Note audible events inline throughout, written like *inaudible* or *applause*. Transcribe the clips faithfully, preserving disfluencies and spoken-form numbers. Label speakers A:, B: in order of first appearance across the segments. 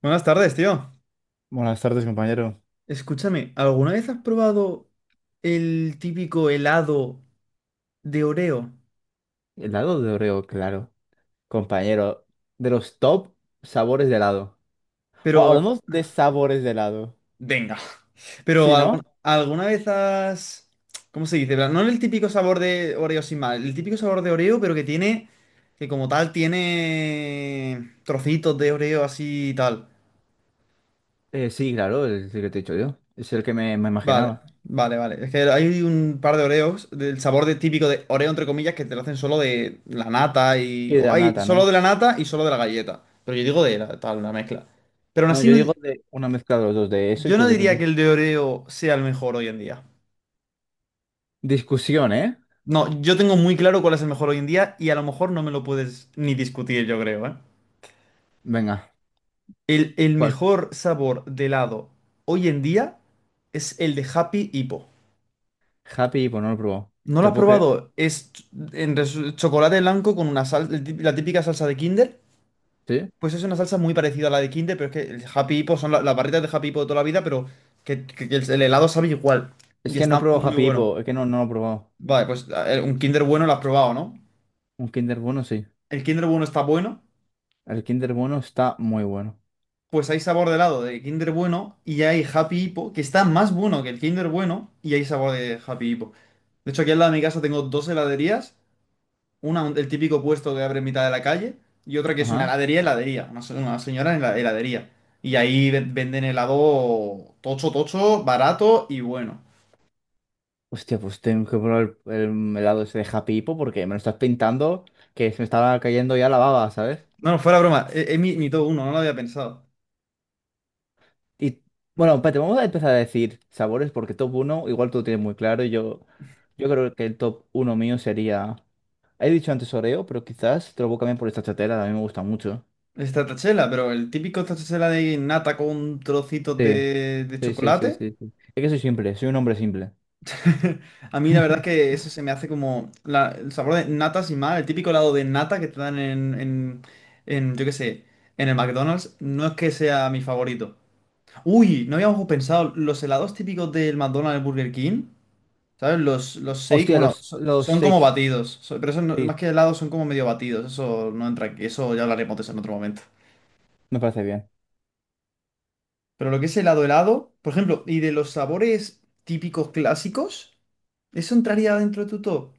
A: Buenas tardes, tío.
B: Buenas tardes, compañero.
A: Escúchame, ¿alguna vez has probado el típico helado de Oreo?
B: Helado de Oreo, claro. Compañero, de los top sabores de helado. O
A: Pero,
B: hablamos de sabores de helado.
A: venga, pero
B: Sí, ¿no?
A: algu- ¿alguna vez has... ¿Cómo se dice? No el típico sabor de Oreo sin mal, el típico sabor de Oreo, pero que tiene, que como tal tiene trocitos de Oreo así y tal.
B: Eh, sí, claro, es el que te he dicho yo. Es el que me, me
A: Vale,
B: imaginaba.
A: vale, vale. Es que hay un par de Oreos del sabor de, típico de Oreo, entre comillas, que te lo hacen solo de la nata
B: Y
A: y...
B: de
A: o
B: la
A: hay
B: nata,
A: solo de
B: ¿no?
A: la nata y solo de la galleta. Pero yo digo de la, tal, una mezcla. Pero aún
B: No,
A: así,
B: yo
A: no, di-
B: digo de una mezcla de los dos, de eso y
A: yo
B: que
A: no diría que
B: depende.
A: el de Oreo sea el mejor hoy en día.
B: Discusión, ¿eh?
A: No, yo tengo muy claro cuál es el mejor hoy en día y a lo mejor no me lo puedes ni discutir, yo creo, ¿eh?
B: Venga,
A: El, el
B: ¿cuál?
A: mejor sabor de helado hoy en día es el de Happy Hippo.
B: Happy Hippo, no lo he probado.
A: ¿No lo
B: ¿Te lo
A: has
B: puedo creer?
A: probado? Es ch- en resu- Chocolate blanco con una sal, el tip- la típica salsa de Kinder.
B: ¿Sí?
A: Pues es una salsa muy parecida a la de Kinder, pero es que el Happy Hippo son la- las barritas de Happy Hippo de toda la vida, pero que, que- que el, el helado sabe igual.
B: Es
A: Y
B: que no he
A: está
B: probado
A: muy
B: Happy
A: bueno.
B: Hippo, es que no, no lo he probado.
A: Vale, pues a ver, un Kinder bueno lo has probado, ¿no?
B: Un Kinder Bueno sí.
A: El Kinder bueno está bueno.
B: El Kinder Bueno está muy bueno.
A: Pues hay sabor de helado de Kinder bueno y hay Happy Hippo, que está más bueno que el Kinder bueno y hay sabor de Happy Hippo. De hecho, aquí al lado de mi casa tengo dos heladerías. Una, un- el típico puesto que abre en mitad de la calle, y otra que es una
B: Ajá.
A: heladería, heladería, una, se- una señora en la heladería. Y ahí ven- venden helado tocho, tocho, barato y bueno.
B: Hostia, pues tengo que probar el, el helado ese de Happy Hippo porque me lo estás pintando que se me estaba cayendo ya la baba, ¿sabes?
A: No, no, fuera broma, es, es mi, mi top uno, no lo había pensado.
B: Y bueno, espérate, vamos a empezar a decir sabores porque top uno igual tú lo tienes muy claro. Y Yo, yo creo que el top uno mío sería. He dicho antes Oreo, pero quizás te lo voy a cambiar por esta chatera, a mí me gusta mucho.
A: Es tachela, pero el típico tachela de nata con trocitos
B: Sí,
A: de, de
B: sí, sí, sí,
A: chocolate.
B: sí, sí. Es que soy simple, soy un hombre simple.
A: *laughs* A mí la verdad es que
B: *laughs*
A: eso se me hace como la- el sabor de nata sin más, el típico helado de nata que te dan en, en, en, yo qué sé, en el McDonald's, no es que sea mi favorito. Uy, no habíamos pensado. Los helados típicos del McDonald's y Burger King, ¿sabes? Los, los shake,
B: Hostia,
A: bueno,
B: los,
A: so-
B: los
A: son como
B: shakes.
A: batidos. So- pero eso no-
B: Sí,
A: más que helados son como medio batidos. Eso no entra aquí. Eso ya hablaremos de eso en otro momento.
B: me parece bien.
A: Pero lo que es helado helado, por ejemplo, y de los sabores típicos clásicos, ¿eso entraría dentro de tu top?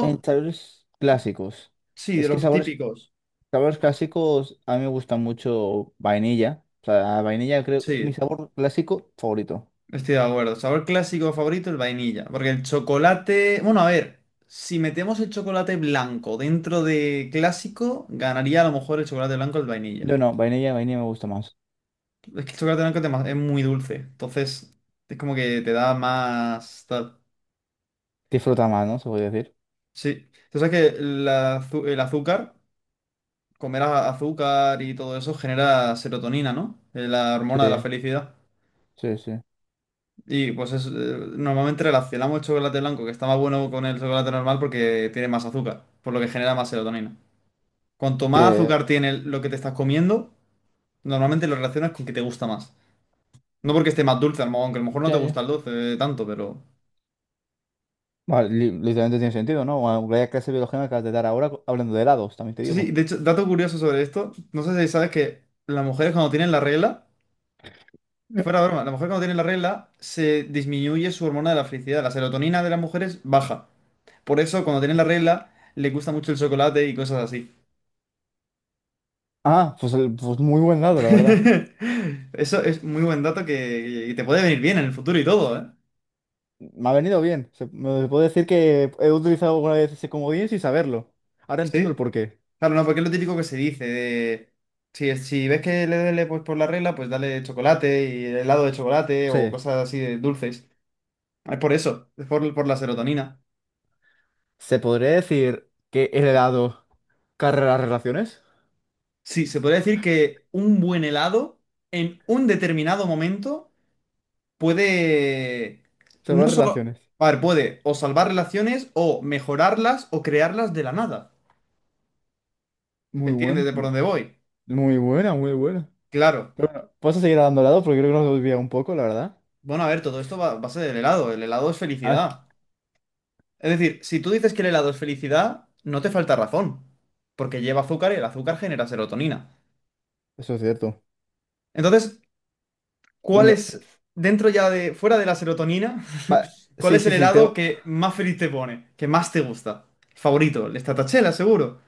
B: En sabores clásicos.
A: sí, de
B: Es que
A: los
B: sabores
A: típicos.
B: Sabores clásicos, a mí me gusta mucho vainilla. O sea, vainilla creo que mi
A: Sí.
B: sabor clásico favorito.
A: Estoy de acuerdo. Sabor clásico favorito, el vainilla. Porque el chocolate. Bueno, a ver, si metemos el chocolate blanco dentro de clásico, ganaría a lo mejor el chocolate blanco el vainilla.
B: No, no, vainilla, vainilla me gusta más.
A: Es que el chocolate blanco es dema- es muy dulce. Entonces, es como que te da más. Tal.
B: Disfruta más, ¿no? Se puede decir.
A: Sí. Tú sabes que la azu- el azúcar, comer a- azúcar y todo eso genera serotonina, ¿no? Eh, La hormona de la
B: Sí,
A: felicidad.
B: sí, sí.
A: Y pues es, eh, normalmente relacionamos el chocolate blanco, que está más bueno con el chocolate normal porque tiene más azúcar, por lo que genera más serotonina. Cuanto más
B: Te-
A: azúcar tiene lo que te estás comiendo, normalmente lo relacionas con que te gusta más. No porque esté más dulce, a lo mejor, aunque a lo mejor no te
B: Ya,
A: gusta el
B: ya.
A: dulce eh, tanto, pero...
B: Vale, li- literalmente tiene sentido, ¿no? Bueno, vaya clase de biología me acabas de dar ahora co- hablando de helados, también te
A: Sí, sí,
B: digo.
A: de hecho, dato curioso sobre esto, no sé si sabes que las mujeres cuando tienen la regla,
B: Ya.
A: fuera de broma, las mujeres cuando tienen la regla se disminuye su hormona de la felicidad, la serotonina de las mujeres baja. Por eso cuando tienen la regla les gusta mucho el chocolate y cosas así.
B: Ah, pues, el- pues muy buen helado, la verdad.
A: *laughs* Eso es muy buen dato que, que te puede venir bien en el futuro y todo, ¿eh?
B: Me ha venido bien. Se- me puedo decir que he utilizado alguna vez ese comodín sin saberlo. Ahora entiendo el
A: Sí.
B: porqué.
A: Claro, no, porque es lo típico que se dice de... Si, si ves que le duele pues, por la regla, pues dale chocolate y helado de chocolate
B: Sí.
A: o cosas así de dulces. Es por eso, es por, por la serotonina.
B: Se podría decir que el helado. Carrera Relaciones.
A: Sí, se podría decir que un buen helado en un determinado momento puede...
B: Se va a
A: No solo...
B: Relaciones.
A: A ver, puede o salvar relaciones o mejorarlas o crearlas de la nada.
B: Muy
A: ¿Entiendes de por
B: buen.
A: dónde voy?
B: Muy buena, muy buena.
A: Claro.
B: Pero bueno, vamos a seguir dando lado porque creo que nos desvía un poco, la verdad.
A: Bueno, a ver, todo esto va va a ser el helado. El helado es
B: Ah,
A: felicidad. Es decir, si tú dices que el helado es felicidad, no te falta razón, porque lleva azúcar y el azúcar genera serotonina.
B: eso es cierto.
A: Entonces, ¿cuál
B: Bueno,
A: es, dentro ya de, fuera de la serotonina,
B: va-
A: *laughs* cuál
B: sí,
A: es
B: sí,
A: el
B: sí,
A: helado
B: tengo.
A: que más feliz te pone, que más te gusta? Favorito, el stracciatella, seguro.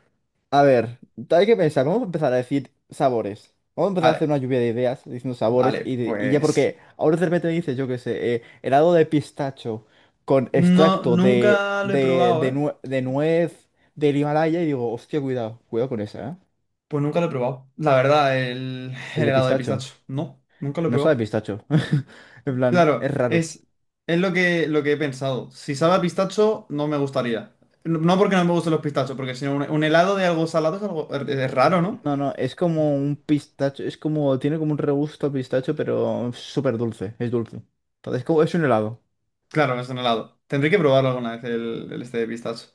B: A ver, hay que pensar, vamos a empezar a decir sabores. Vamos a empezar a hacer
A: Vale,
B: una lluvia de ideas diciendo sabores
A: vale,
B: y, de- y ya
A: pues...
B: porque ahora de repente me dices, yo qué sé, eh, helado de pistacho con
A: No,
B: extracto de,
A: nunca lo he
B: de,
A: probado,
B: de,
A: ¿eh?
B: nue- de nuez del Himalaya y digo, hostia, cuidado, cuidado con esa, ¿eh?
A: Pues nunca lo he probado. La verdad, el,
B: El
A: el
B: de
A: helado de
B: pistacho.
A: pistacho. No, nunca lo he
B: No sabe a
A: probado.
B: pistacho. *laughs* En plan,
A: Claro,
B: es raro.
A: es, es lo que, lo que he pensado. Si sabe a pistacho, no me gustaría. No no porque no me gusten los pistachos, porque si no, un, un helado de algo salado es algo es- es raro, ¿no?
B: No, no, es como un pistacho, es como, tiene como un regusto a pistacho, pero súper dulce, es dulce. Entonces, como, es un helado,
A: Claro, es un helado. Tendré que probarlo alguna vez el, el este de pistacho.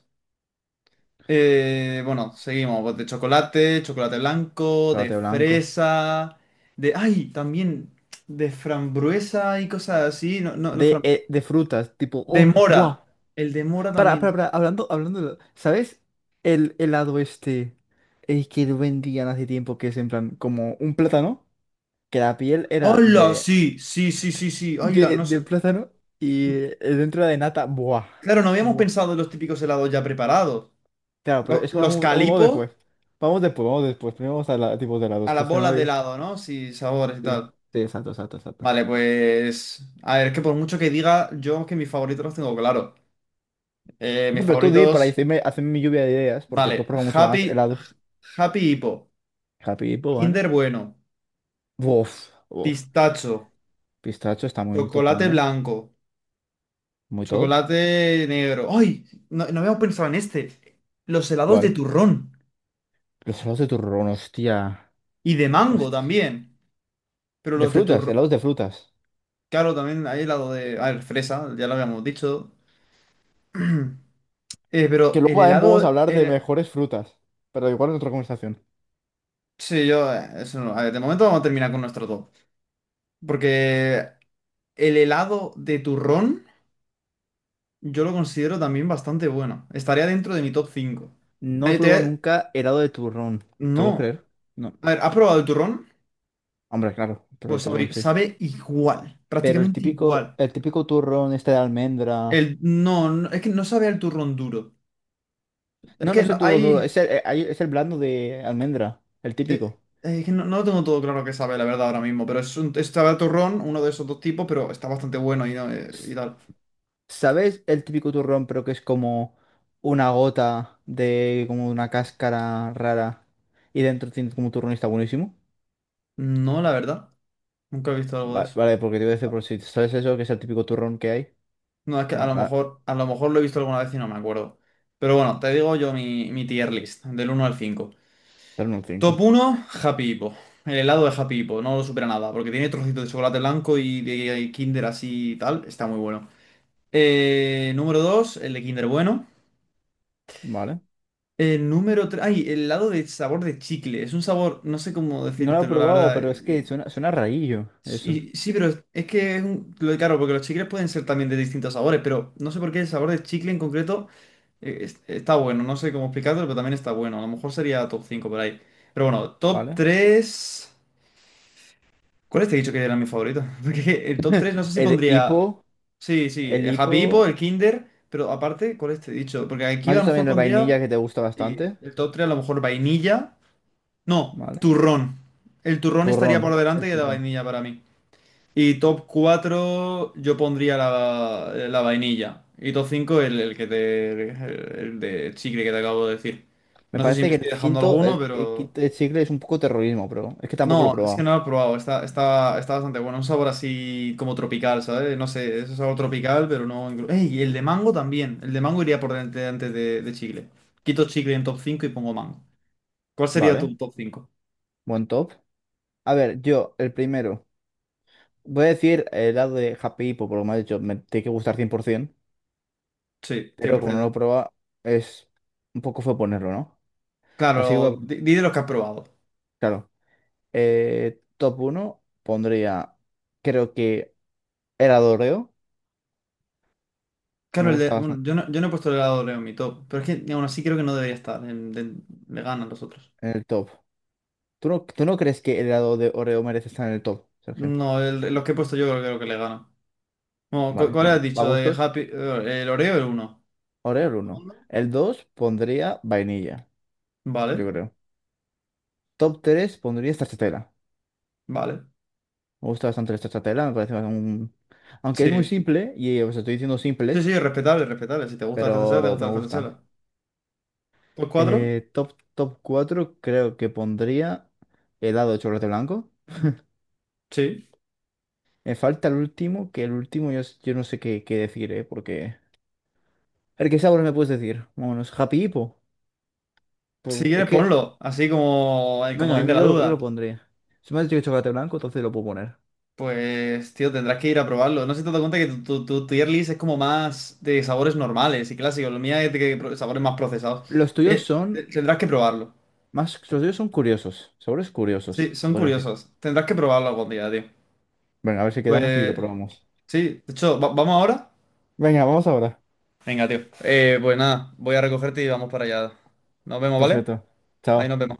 A: Eh, bueno, seguimos. Pues, de chocolate, chocolate blanco, de
B: chocolate blanco.
A: fresa, de... ¡Ay! También de frambuesa y cosas así. No, no, la
B: De,
A: fram-
B: eh, de frutas, tipo,
A: de
B: oh,
A: mora.
B: buah.
A: El de mora
B: Para,
A: también.
B: para, para, hablando, hablando, de- ¿sabes? El helado este, el que lo vendían hace tiempo, que es en plan, como un plátano, que la piel era
A: ¡Hola!
B: de,
A: Sí, sí, sí, sí, sí. ¡Hola!
B: de,
A: No sé.
B: de plátano y eh, dentro era de nata, buah,
A: Claro, no habíamos
B: buah.
A: pensado en los típicos helados ya preparados.
B: Claro, pero
A: Lo-
B: eso
A: Los
B: vamos, vamos,
A: calipos
B: después. Vamos después, vamos después. Primero vamos a la, tipos de
A: a
B: helados, que
A: las
B: se me
A: bolas de
B: oye.
A: helado, ¿no? Sí, sabores y
B: Sí,
A: tal.
B: sí, exacto, exacto, exacto.
A: Vale, pues. A ver, es que por mucho que diga, yo que mis favoritos los tengo claro. Eh, mis
B: No, pero tú di para
A: favoritos.
B: decirme, hacerme mi lluvia de ideas, porque tú
A: Vale,
B: pruebas mucho más
A: Happy,
B: helados.
A: Happy Hippo,
B: Happy Banana.
A: Kinder Bueno,
B: Uf, uf.
A: pistacho,
B: Pistacho está muy top
A: chocolate
B: también.
A: blanco,
B: Muy top.
A: chocolate negro. ¡Ay! No, no habíamos pensado en este. Los helados de
B: ¿Cuál?
A: turrón
B: Los helados de turrón, hostia.
A: y de mango
B: Hostia.
A: también. Pero
B: De
A: los de
B: frutas,
A: turrón.
B: helados de frutas.
A: Claro, también hay helado de. A ver, fresa, ya lo habíamos dicho. *clears throat* Eh,
B: Que
A: pero el
B: luego también podemos
A: helado.
B: hablar de
A: El...
B: mejores frutas. Pero igual en otra conversación.
A: Sí, yo. eh, Eso no. A ver, de momento vamos a terminar con nuestro top. Porque el helado de turrón, yo lo considero también bastante bueno. Estaría dentro de mi top cinco.
B: No he
A: Ahí
B: probado
A: te-
B: nunca helado de turrón. ¿Te lo puedes
A: No.
B: creer? No.
A: A ver, ¿has probado el turrón?
B: Hombre, claro, pero el
A: Pues
B: turrón
A: sabe,
B: sí.
A: sabe igual.
B: Pero el
A: Prácticamente
B: típico,
A: igual.
B: el típico turrón este de almendra.
A: El... No, no, es que no sabe al turrón duro. Es
B: No, no
A: que
B: es
A: no-
B: el turrón duro,
A: hay.
B: es el, eh, hay- es el blando de almendra, el
A: eh,
B: típico.
A: eh, que no, no lo tengo todo claro que sabe, la verdad, ahora mismo, pero es un es sabe a turrón, uno de esos dos tipos, pero está bastante bueno y, no, eh, y
B: S-
A: tal.
B: ¿Sabes el típico turrón, pero que es como una gota de como una cáscara rara y dentro tiene como turrón y está buenísimo?
A: No, la verdad, nunca he visto algo de
B: Va-
A: eso.
B: Vale, porque te voy a decir
A: Ah,
B: por si sabes eso, que es el típico turrón que hay.
A: no, es que a
B: Bueno,
A: lo
B: nada,
A: mejor, a lo mejor lo he visto alguna vez y no me acuerdo. Pero bueno, te digo yo mi, mi tier list, del uno al cinco.
B: pero no un
A: Top
B: cinco,
A: uno Happy Hippo. El helado de Happy Hippo, no lo supera nada, porque tiene trocitos de chocolate blanco y de Kinder así y tal, está muy bueno. Eh, número dos el de Kinder bueno.
B: ¿vale?
A: El número tres, ay, el lado de sabor de chicle. Es un sabor, no sé cómo
B: No lo he
A: decírtelo, la
B: probado,
A: verdad.
B: pero es que suena, suena rarillo, eso,
A: Sí, sí, pero es es que es un, lo de claro, porque los chicles pueden ser también de distintos sabores, pero no sé por qué el sabor de chicle en concreto eh, es- está bueno. No sé cómo explicarlo, pero también está bueno. A lo mejor sería top cinco por ahí. Pero bueno, top
B: ¿vale?
A: tres, ¿cuál te he dicho que era mi favorito? *laughs* Porque el top tres no sé si
B: El
A: pondría.
B: hipo,
A: Sí, sí,
B: el
A: el Happy Hippo,
B: hipo.
A: el Kinder. Pero aparte, ¿cuál te he dicho? Porque
B: Me
A: aquí a
B: has
A: lo
B: dicho
A: mejor
B: también el
A: pondría.
B: vainilla que te gusta
A: Sí,
B: bastante,
A: el top tres a lo mejor vainilla. No,
B: ¿vale?
A: turrón. El turrón estaría
B: Turrón,
A: por delante
B: el
A: que la
B: turrón.
A: vainilla para mí. Y top cuatro yo pondría la, la vainilla. Y top cinco el, el que te, el, el de chicle que te acabo de decir.
B: Me
A: No sé si
B: parece
A: me
B: que el
A: estoy dejando
B: quinto,
A: alguno,
B: el, el
A: pero...
B: quinto de chicle es un poco terrorismo, pero es que tampoco lo he
A: No, es que
B: probado,
A: no lo he probado. Está, está, está bastante bueno. Un sabor así como tropical, ¿sabes? No sé, es un sabor tropical, pero no... inclu- ¡Ey! Y el de mango también. El de mango iría por delante antes de, de chicle. Quito chicle en top cinco y pongo mango. ¿Cuál sería
B: ¿vale?
A: tu top cinco?
B: Buen top. A ver, yo, el primero. Voy a decir el lado de Happy Hippo, por lo que me has dicho, me tiene que gustar cien por ciento,
A: Sí, cien
B: pero
A: por
B: como no lo he
A: ciento.
B: probado, es un poco fue ponerlo, ¿no? Así que voy a.
A: Claro,
B: pon-
A: di, di de los que has probado.
B: Claro. Eh, top uno pondría, creo que el Doreo, me
A: Claro, el de-
B: gusta
A: bueno,
B: bastante
A: yo no, yo no he puesto el helado de Oreo en mi top, pero es que aún así creo que no debería estar. En- de- le ganan los otros.
B: en el top. ¿Tú no, tú no crees que el helado de Oreo merece estar en el top, Sergio?
A: No, el- los que he puesto yo creo que lo que le ganan. No, ¿cu-
B: Vale,
A: ¿cuál,
B: bueno.
A: has
B: ¿A
A: dicho? De
B: gustos?
A: Happy, eh, el Oreo el uno.
B: Oreo el uno. El dos pondría vainilla,
A: Vale,
B: yo creo. Top tres pondría stracciatella.
A: vale.
B: Me gusta bastante la stracciatella, me parece un. Aunque es muy
A: Sí.
B: simple, y os estoy diciendo
A: Sí,
B: simples,
A: sí, respetable, respetable. Si te gusta la T T S L, te
B: pero
A: gusta
B: me
A: la
B: gustan.
A: T T S L. ¿Pues cuatro.
B: Eh, top, top cuatro creo que pondría helado de chocolate blanco.
A: Sí.
B: Me falta el último, que el último yo, s- yo no sé qué, qué, decir, ¿eh? Porque. El ¿qué sabor me puedes decir? Vámonos, Happy Hippo.
A: Si
B: Por- Es
A: quieres,
B: que
A: ponlo. Así como el
B: Venga,
A: comodín de la
B: yo lo, yo lo
A: duda.
B: pondría. Si me has dicho que chocolate blanco, entonces lo puedo poner.
A: Pues, tío, tendrás que ir a probarlo. No sé si te das cuenta que tu, tu, tu tu tier list es como más de sabores normales y clásicos. Lo mía es de que pro- sabores más procesados.
B: Los tuyos
A: Te- te-
B: son
A: tendrás que probarlo.
B: más, los tuyos son curiosos, sabores curiosos,
A: Sí,
B: se
A: son
B: puede decir.
A: curiosos. Tendrás que probarlo algún día, tío.
B: Venga, a ver si quedamos y lo
A: Pues,
B: probamos.
A: sí. De hecho, ¿va- ¿vamos ahora?
B: Venga, vamos ahora.
A: Venga, tío. Eh, pues nada, voy a recogerte y vamos para allá. Nos vemos, ¿vale?
B: Perfecto.
A: Ahí nos
B: Chao.
A: vemos.